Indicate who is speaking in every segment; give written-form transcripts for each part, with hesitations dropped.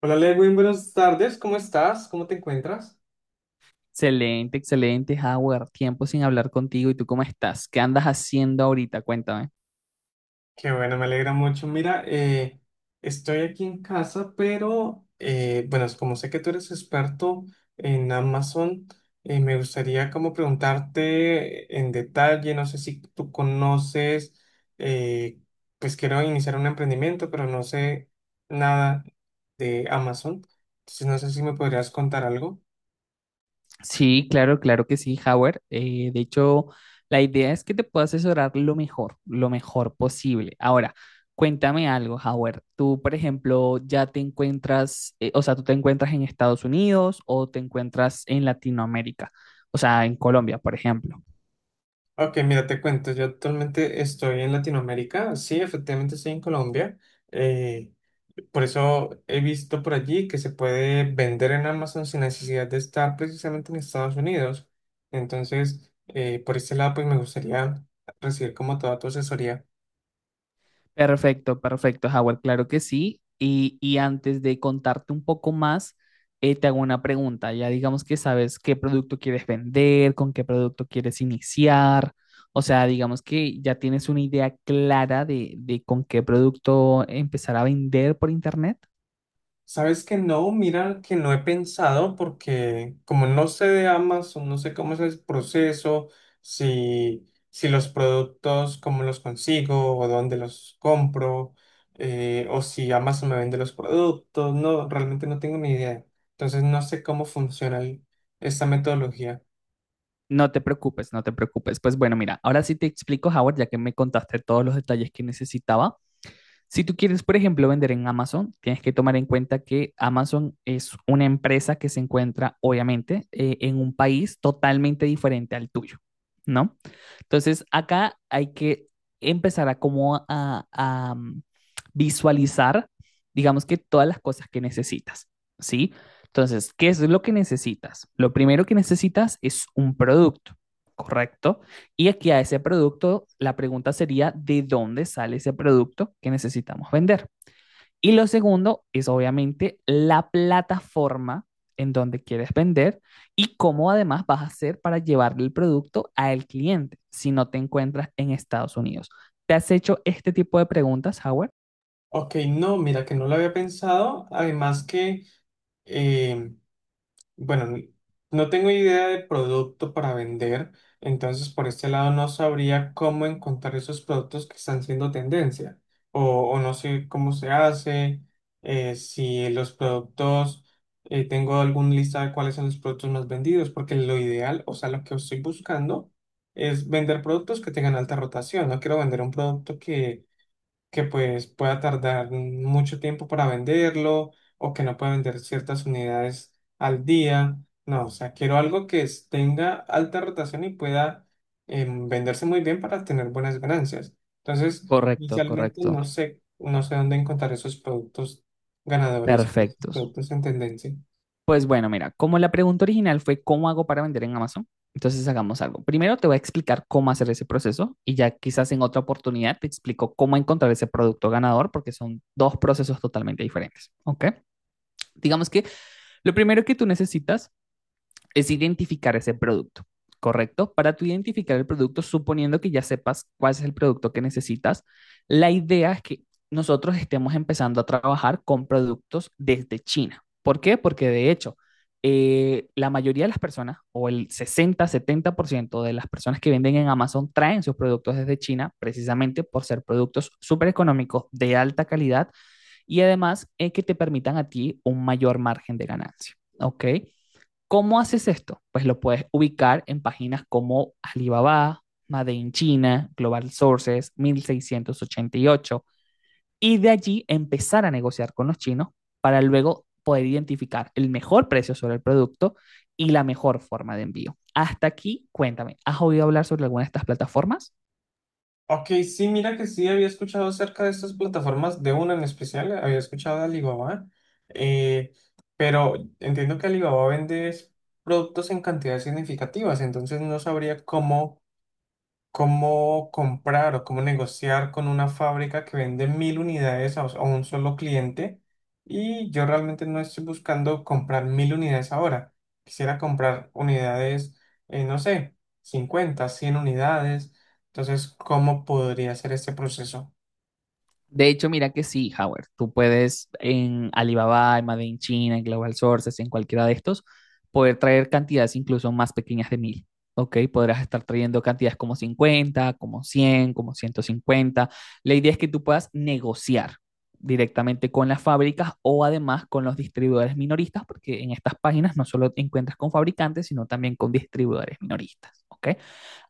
Speaker 1: Hola Lewin, buenas tardes, ¿cómo estás? ¿Cómo te encuentras?
Speaker 2: Excelente, excelente, Howard. Tiempo sin hablar contigo. ¿Y tú cómo estás? ¿Qué andas haciendo ahorita? Cuéntame.
Speaker 1: Qué bueno, me alegra mucho. Mira, estoy aquí en casa, pero bueno, es como sé que tú eres experto en Amazon. Me gustaría como preguntarte en detalle, no sé si tú conoces. eh, pues quiero iniciar un emprendimiento, pero no sé nada de Amazon, entonces no sé si me podrías contar algo.
Speaker 2: Sí, claro, claro que sí, Howard. De hecho, la idea es que te pueda asesorar lo mejor posible. Ahora, cuéntame algo, Howard. Tú, por ejemplo, ya te encuentras, o sea, tú te encuentras en Estados Unidos o te encuentras en Latinoamérica, o sea, en Colombia, por ejemplo.
Speaker 1: Ok, mira, te cuento, yo actualmente estoy en Latinoamérica, sí, efectivamente estoy en Colombia. eh, por eso he visto por allí que se puede vender en Amazon sin necesidad de estar precisamente en Estados Unidos. Entonces, por este lado, pues me gustaría recibir como toda tu asesoría.
Speaker 2: Perfecto, perfecto, Howard, claro que sí. Y antes de contarte un poco más, te hago una pregunta. Ya digamos que sabes qué producto quieres vender, con qué producto quieres iniciar. O sea, digamos que ya tienes una idea clara de con qué producto empezar a vender por internet.
Speaker 1: Sabes que no, mira que no he pensado porque como no sé de Amazon, no sé cómo es el proceso. Si los productos, cómo los consigo o dónde los compro, o si Amazon me vende los productos, no, realmente no tengo ni idea. Entonces no sé cómo funciona esta metodología.
Speaker 2: No te preocupes, no te preocupes. Pues bueno, mira, ahora sí te explico, Howard, ya que me contaste todos los detalles que necesitaba. Si tú quieres, por ejemplo, vender en Amazon, tienes que tomar en cuenta que Amazon es una empresa que se encuentra, obviamente, en un país totalmente diferente al tuyo, ¿no? Entonces, acá hay que empezar a como a, mm, visualizar, digamos que todas las cosas que necesitas, ¿sí? Entonces, ¿qué es lo que necesitas? Lo primero que necesitas es un producto, ¿correcto? Y aquí a ese producto, la pregunta sería, ¿de dónde sale ese producto que necesitamos vender? Y lo segundo es obviamente la plataforma en donde quieres vender y cómo además vas a hacer para llevarle el producto al cliente si no te encuentras en Estados Unidos. ¿Te has hecho este tipo de preguntas, Howard?
Speaker 1: Ok, no, mira que no lo había pensado, además que... em, Bueno, n- no tengo idea de producto para vender, entonces por este lado no sabría cómo encontrar esos productos que están siendo tendencia, o, o no sé cómo se hace. Si los productos, tengo algún lista de cuáles son los productos más vendidos, porque lo ideal, o sea, lo que estoy buscando es vender productos que tengan alta rotación. No quiero vender un producto que pues pueda tardar mucho tiempo para venderlo, o que no pueda vender ciertas unidades al día. No, o sea, quiero algo que tenga alta rotación y pueda venderse muy bien para tener buenas ganancias. Entonces,
Speaker 2: Correcto,
Speaker 1: inicialmente
Speaker 2: correcto.
Speaker 1: no sé, no sé dónde encontrar esos productos ganadores, esos
Speaker 2: Perfectos.
Speaker 1: productos en tendencia.
Speaker 2: Pues bueno, mira, como la pregunta original fue ¿cómo hago para vender en Amazon? Entonces hagamos algo. Primero te voy a explicar cómo hacer ese proceso y ya quizás en otra oportunidad te explico cómo encontrar ese producto ganador porque son dos procesos totalmente diferentes, ¿ok? Digamos que lo primero que tú necesitas es identificar ese producto, ¿correcto? Para tú identificar el producto, suponiendo que ya sepas cuál es el producto que necesitas, la idea es que nosotros estemos empezando a trabajar con productos desde China. ¿Por qué? Porque de hecho, la mayoría de las personas, o el 60-70% de las personas que venden en Amazon, traen sus productos desde China precisamente por ser productos súper económicos, de alta calidad y además es que te permitan a ti un mayor margen de ganancia, ¿ok? ¿Cómo haces esto? Pues lo puedes ubicar en páginas como Alibaba, Made in China, Global Sources, 1688, y ocho, y de allí empezar a negociar con los chinos para luego poder identificar el mejor precio sobre el producto y la mejor forma de envío. Hasta aquí, cuéntame, ¿has oído hablar sobre alguna de estas plataformas?
Speaker 1: Ok, sí, mira que sí había escuchado acerca de estas plataformas, de una en especial, había escuchado de Alibaba, eh, pero entiendo que Alibaba vende es productos en cantidades significativas, entonces no sabría cómo comprar o cómo negociar con una fábrica que vende 1.000 unidades a un solo cliente, y yo realmente no estoy buscando comprar 1.000 unidades ahora. Quisiera comprar unidades, no sé, 50, 100 unidades. Entonces, ¿cómo podría ser este proceso?
Speaker 2: De hecho, mira que sí, Howard, tú puedes en Alibaba, en Made in China, en Global Sources, en cualquiera de estos, poder traer cantidades incluso más pequeñas de mil. ¿Ok? Podrás estar trayendo cantidades como 50, como 100, como 150. La idea es que tú puedas negociar directamente con las fábricas o además con los distribuidores minoristas, porque en estas páginas no solo te encuentras con fabricantes, sino también con distribuidores minoristas, ¿ok?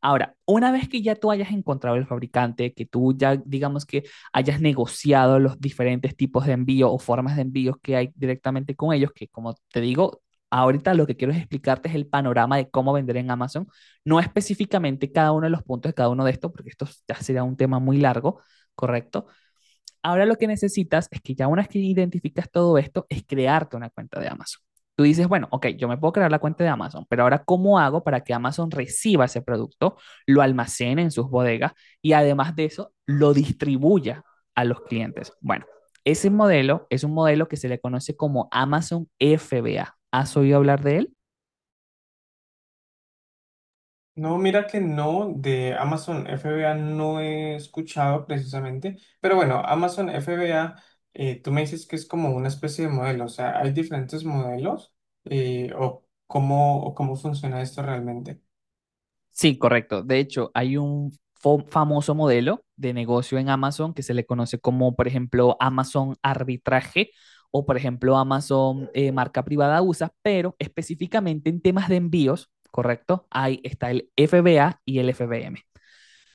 Speaker 2: Ahora, una vez que ya tú hayas encontrado el fabricante, que tú ya digamos que hayas negociado los diferentes tipos de envío o formas de envíos que hay directamente con ellos, que como te digo, ahorita lo que quiero es explicarte es el panorama de cómo vender en Amazon, no específicamente cada uno de los puntos de cada uno de estos, porque esto ya sería un tema muy largo, ¿correcto? Ahora lo que necesitas es que ya una vez que identificas todo esto, es crearte una cuenta de Amazon. Tú dices, bueno, ok, yo me puedo crear la cuenta de Amazon, pero ahora ¿cómo hago para que Amazon reciba ese producto, lo almacene en sus bodegas y además de eso lo distribuya a los clientes? Bueno, ese modelo es un modelo que se le conoce como Amazon FBA. ¿Has oído hablar de él?
Speaker 1: No, mira que no, de Amazon FBA no he escuchado precisamente, pero bueno, Amazon FBA, tú me dices que es como una especie de modelo, o sea, hay diferentes modelos. O cómo, o cómo funciona esto realmente.
Speaker 2: Sí, correcto. De hecho, hay un famoso modelo de negocio en Amazon que se le conoce como, por ejemplo, Amazon arbitraje o, por ejemplo, Amazon marca privada USA, pero específicamente en temas de envíos, correcto, ahí está el FBA y el FBM.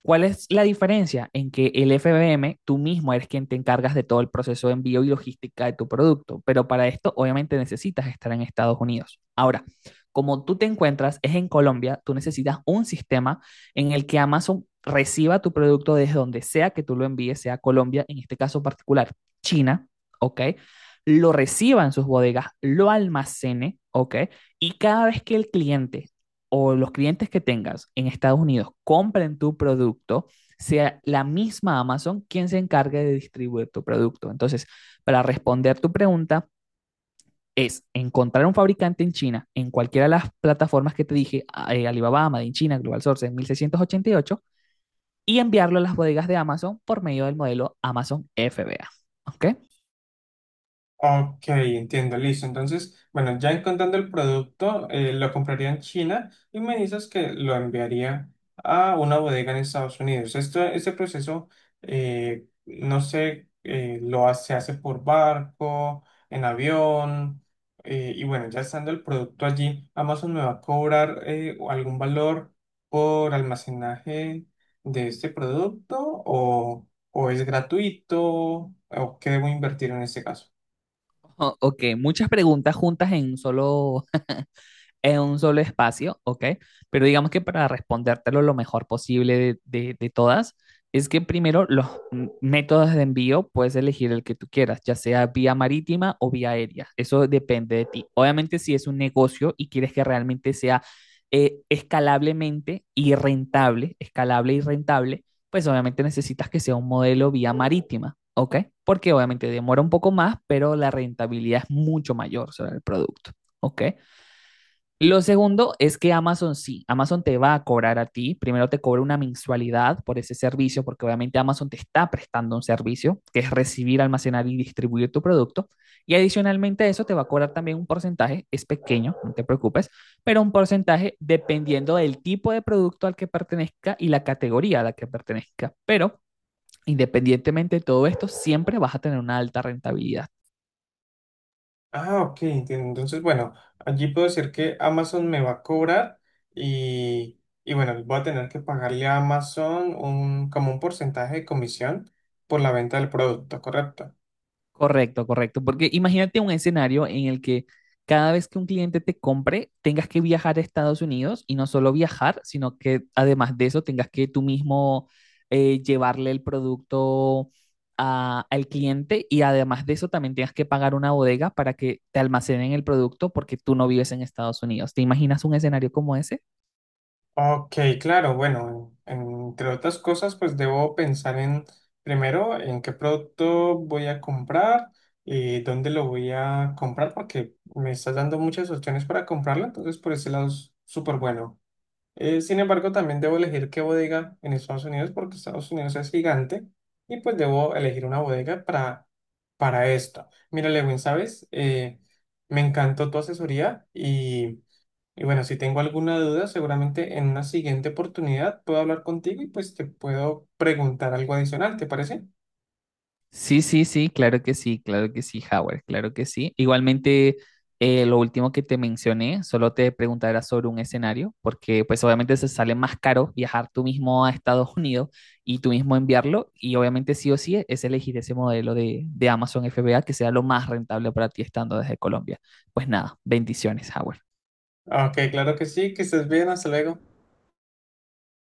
Speaker 2: ¿Cuál es la diferencia en que el FBM tú mismo eres quien te encargas de todo el proceso de envío y logística de tu producto? Pero para esto obviamente necesitas estar en Estados Unidos. Ahora, como tú te encuentras es en Colombia, tú necesitas un sistema en el que Amazon reciba tu producto desde donde sea que tú lo envíes, sea Colombia, en este caso particular, China, ¿ok? Lo reciba en sus bodegas, lo almacene, ¿ok? Y cada vez que el cliente o los clientes que tengas en Estados Unidos compren tu producto, sea la misma Amazon quien se encargue de distribuir tu producto. Entonces, para responder tu pregunta, es encontrar un fabricante en China, en cualquiera de las plataformas que te dije, Alibaba, Amazon, China, Global Sourcing, 1688 y enviarlo a las bodegas de Amazon por medio del modelo Amazon FBA. ¿Ok?
Speaker 1: Ok, entiendo, listo. Entonces, bueno, ya encontrando el producto, lo compraría en China y me dices que lo enviaría a una bodega en Estados Unidos. Esto, este proceso, no sé, lo hace, se hace por barco, en avión, y bueno, ya estando el producto allí, Amazon me va a cobrar algún valor por almacenaje de este producto, o es gratuito, o qué debo invertir en este caso.
Speaker 2: Ok, muchas preguntas juntas en un solo espacio, ¿ok? Pero digamos que para respondértelo lo mejor posible de todas, es que primero los métodos de envío puedes elegir el que tú quieras, ya sea vía marítima o vía aérea. Eso depende de ti. Obviamente, si es un negocio y quieres que realmente sea escalable y rentable, pues obviamente necesitas que sea un modelo vía marítima, ¿ok? Porque obviamente demora un poco más, pero la rentabilidad es mucho mayor sobre el producto, ¿ok? Lo segundo es que Amazon sí, Amazon te va a cobrar a ti, primero te cobra una mensualidad por ese servicio, porque obviamente Amazon te está prestando un servicio, que es recibir, almacenar y distribuir tu producto, y adicionalmente a eso te va a cobrar también un porcentaje, es pequeño, no te preocupes, pero un porcentaje dependiendo del tipo de producto al que pertenezca y la categoría a la que pertenezca, pero independientemente de todo esto, siempre vas a tener una alta rentabilidad.
Speaker 1: Ah, ok, entiendo. Entonces, bueno, allí puedo decir que Amazon me va a cobrar y bueno, voy a tener que pagarle a Amazon un, como un porcentaje de comisión por la venta del producto, ¿correcto?
Speaker 2: Correcto, correcto. Porque imagínate un escenario en el que cada vez que un cliente te compre, tengas que viajar a Estados Unidos y no solo viajar, sino que además de eso tengas que tú mismo llevarle el producto al cliente y además de eso también tengas que pagar una bodega para que te almacenen el producto porque tú no vives en Estados Unidos. ¿Te imaginas un escenario como ese?
Speaker 1: Ok, claro, bueno, entre otras cosas, pues debo pensar en, primero, en qué producto voy a comprar y dónde lo voy a comprar, porque me estás dando muchas opciones para comprarlo, entonces por ese lado es súper bueno. Sin embargo, también debo elegir qué bodega en Estados Unidos porque Estados Unidos es gigante y pues debo elegir una bodega para esto. Mira, Lewin, ¿sabes? Me encantó tu asesoría y bueno, si tengo alguna duda, seguramente en una siguiente oportunidad puedo hablar contigo y pues te puedo preguntar algo adicional, ¿te parece?
Speaker 2: Sí, sí, sí, claro que sí, claro que sí, Howard, claro que sí. Igualmente, lo último que te mencioné, solo te preguntará sobre un escenario, porque pues obviamente se sale más caro viajar tú mismo a Estados Unidos y tú mismo enviarlo, y obviamente sí o sí es elegir ese modelo de Amazon FBA que sea lo más rentable para ti estando desde Colombia. Pues nada, bendiciones, Howard.
Speaker 1: Ok, claro que sí, que estés bien, hasta luego.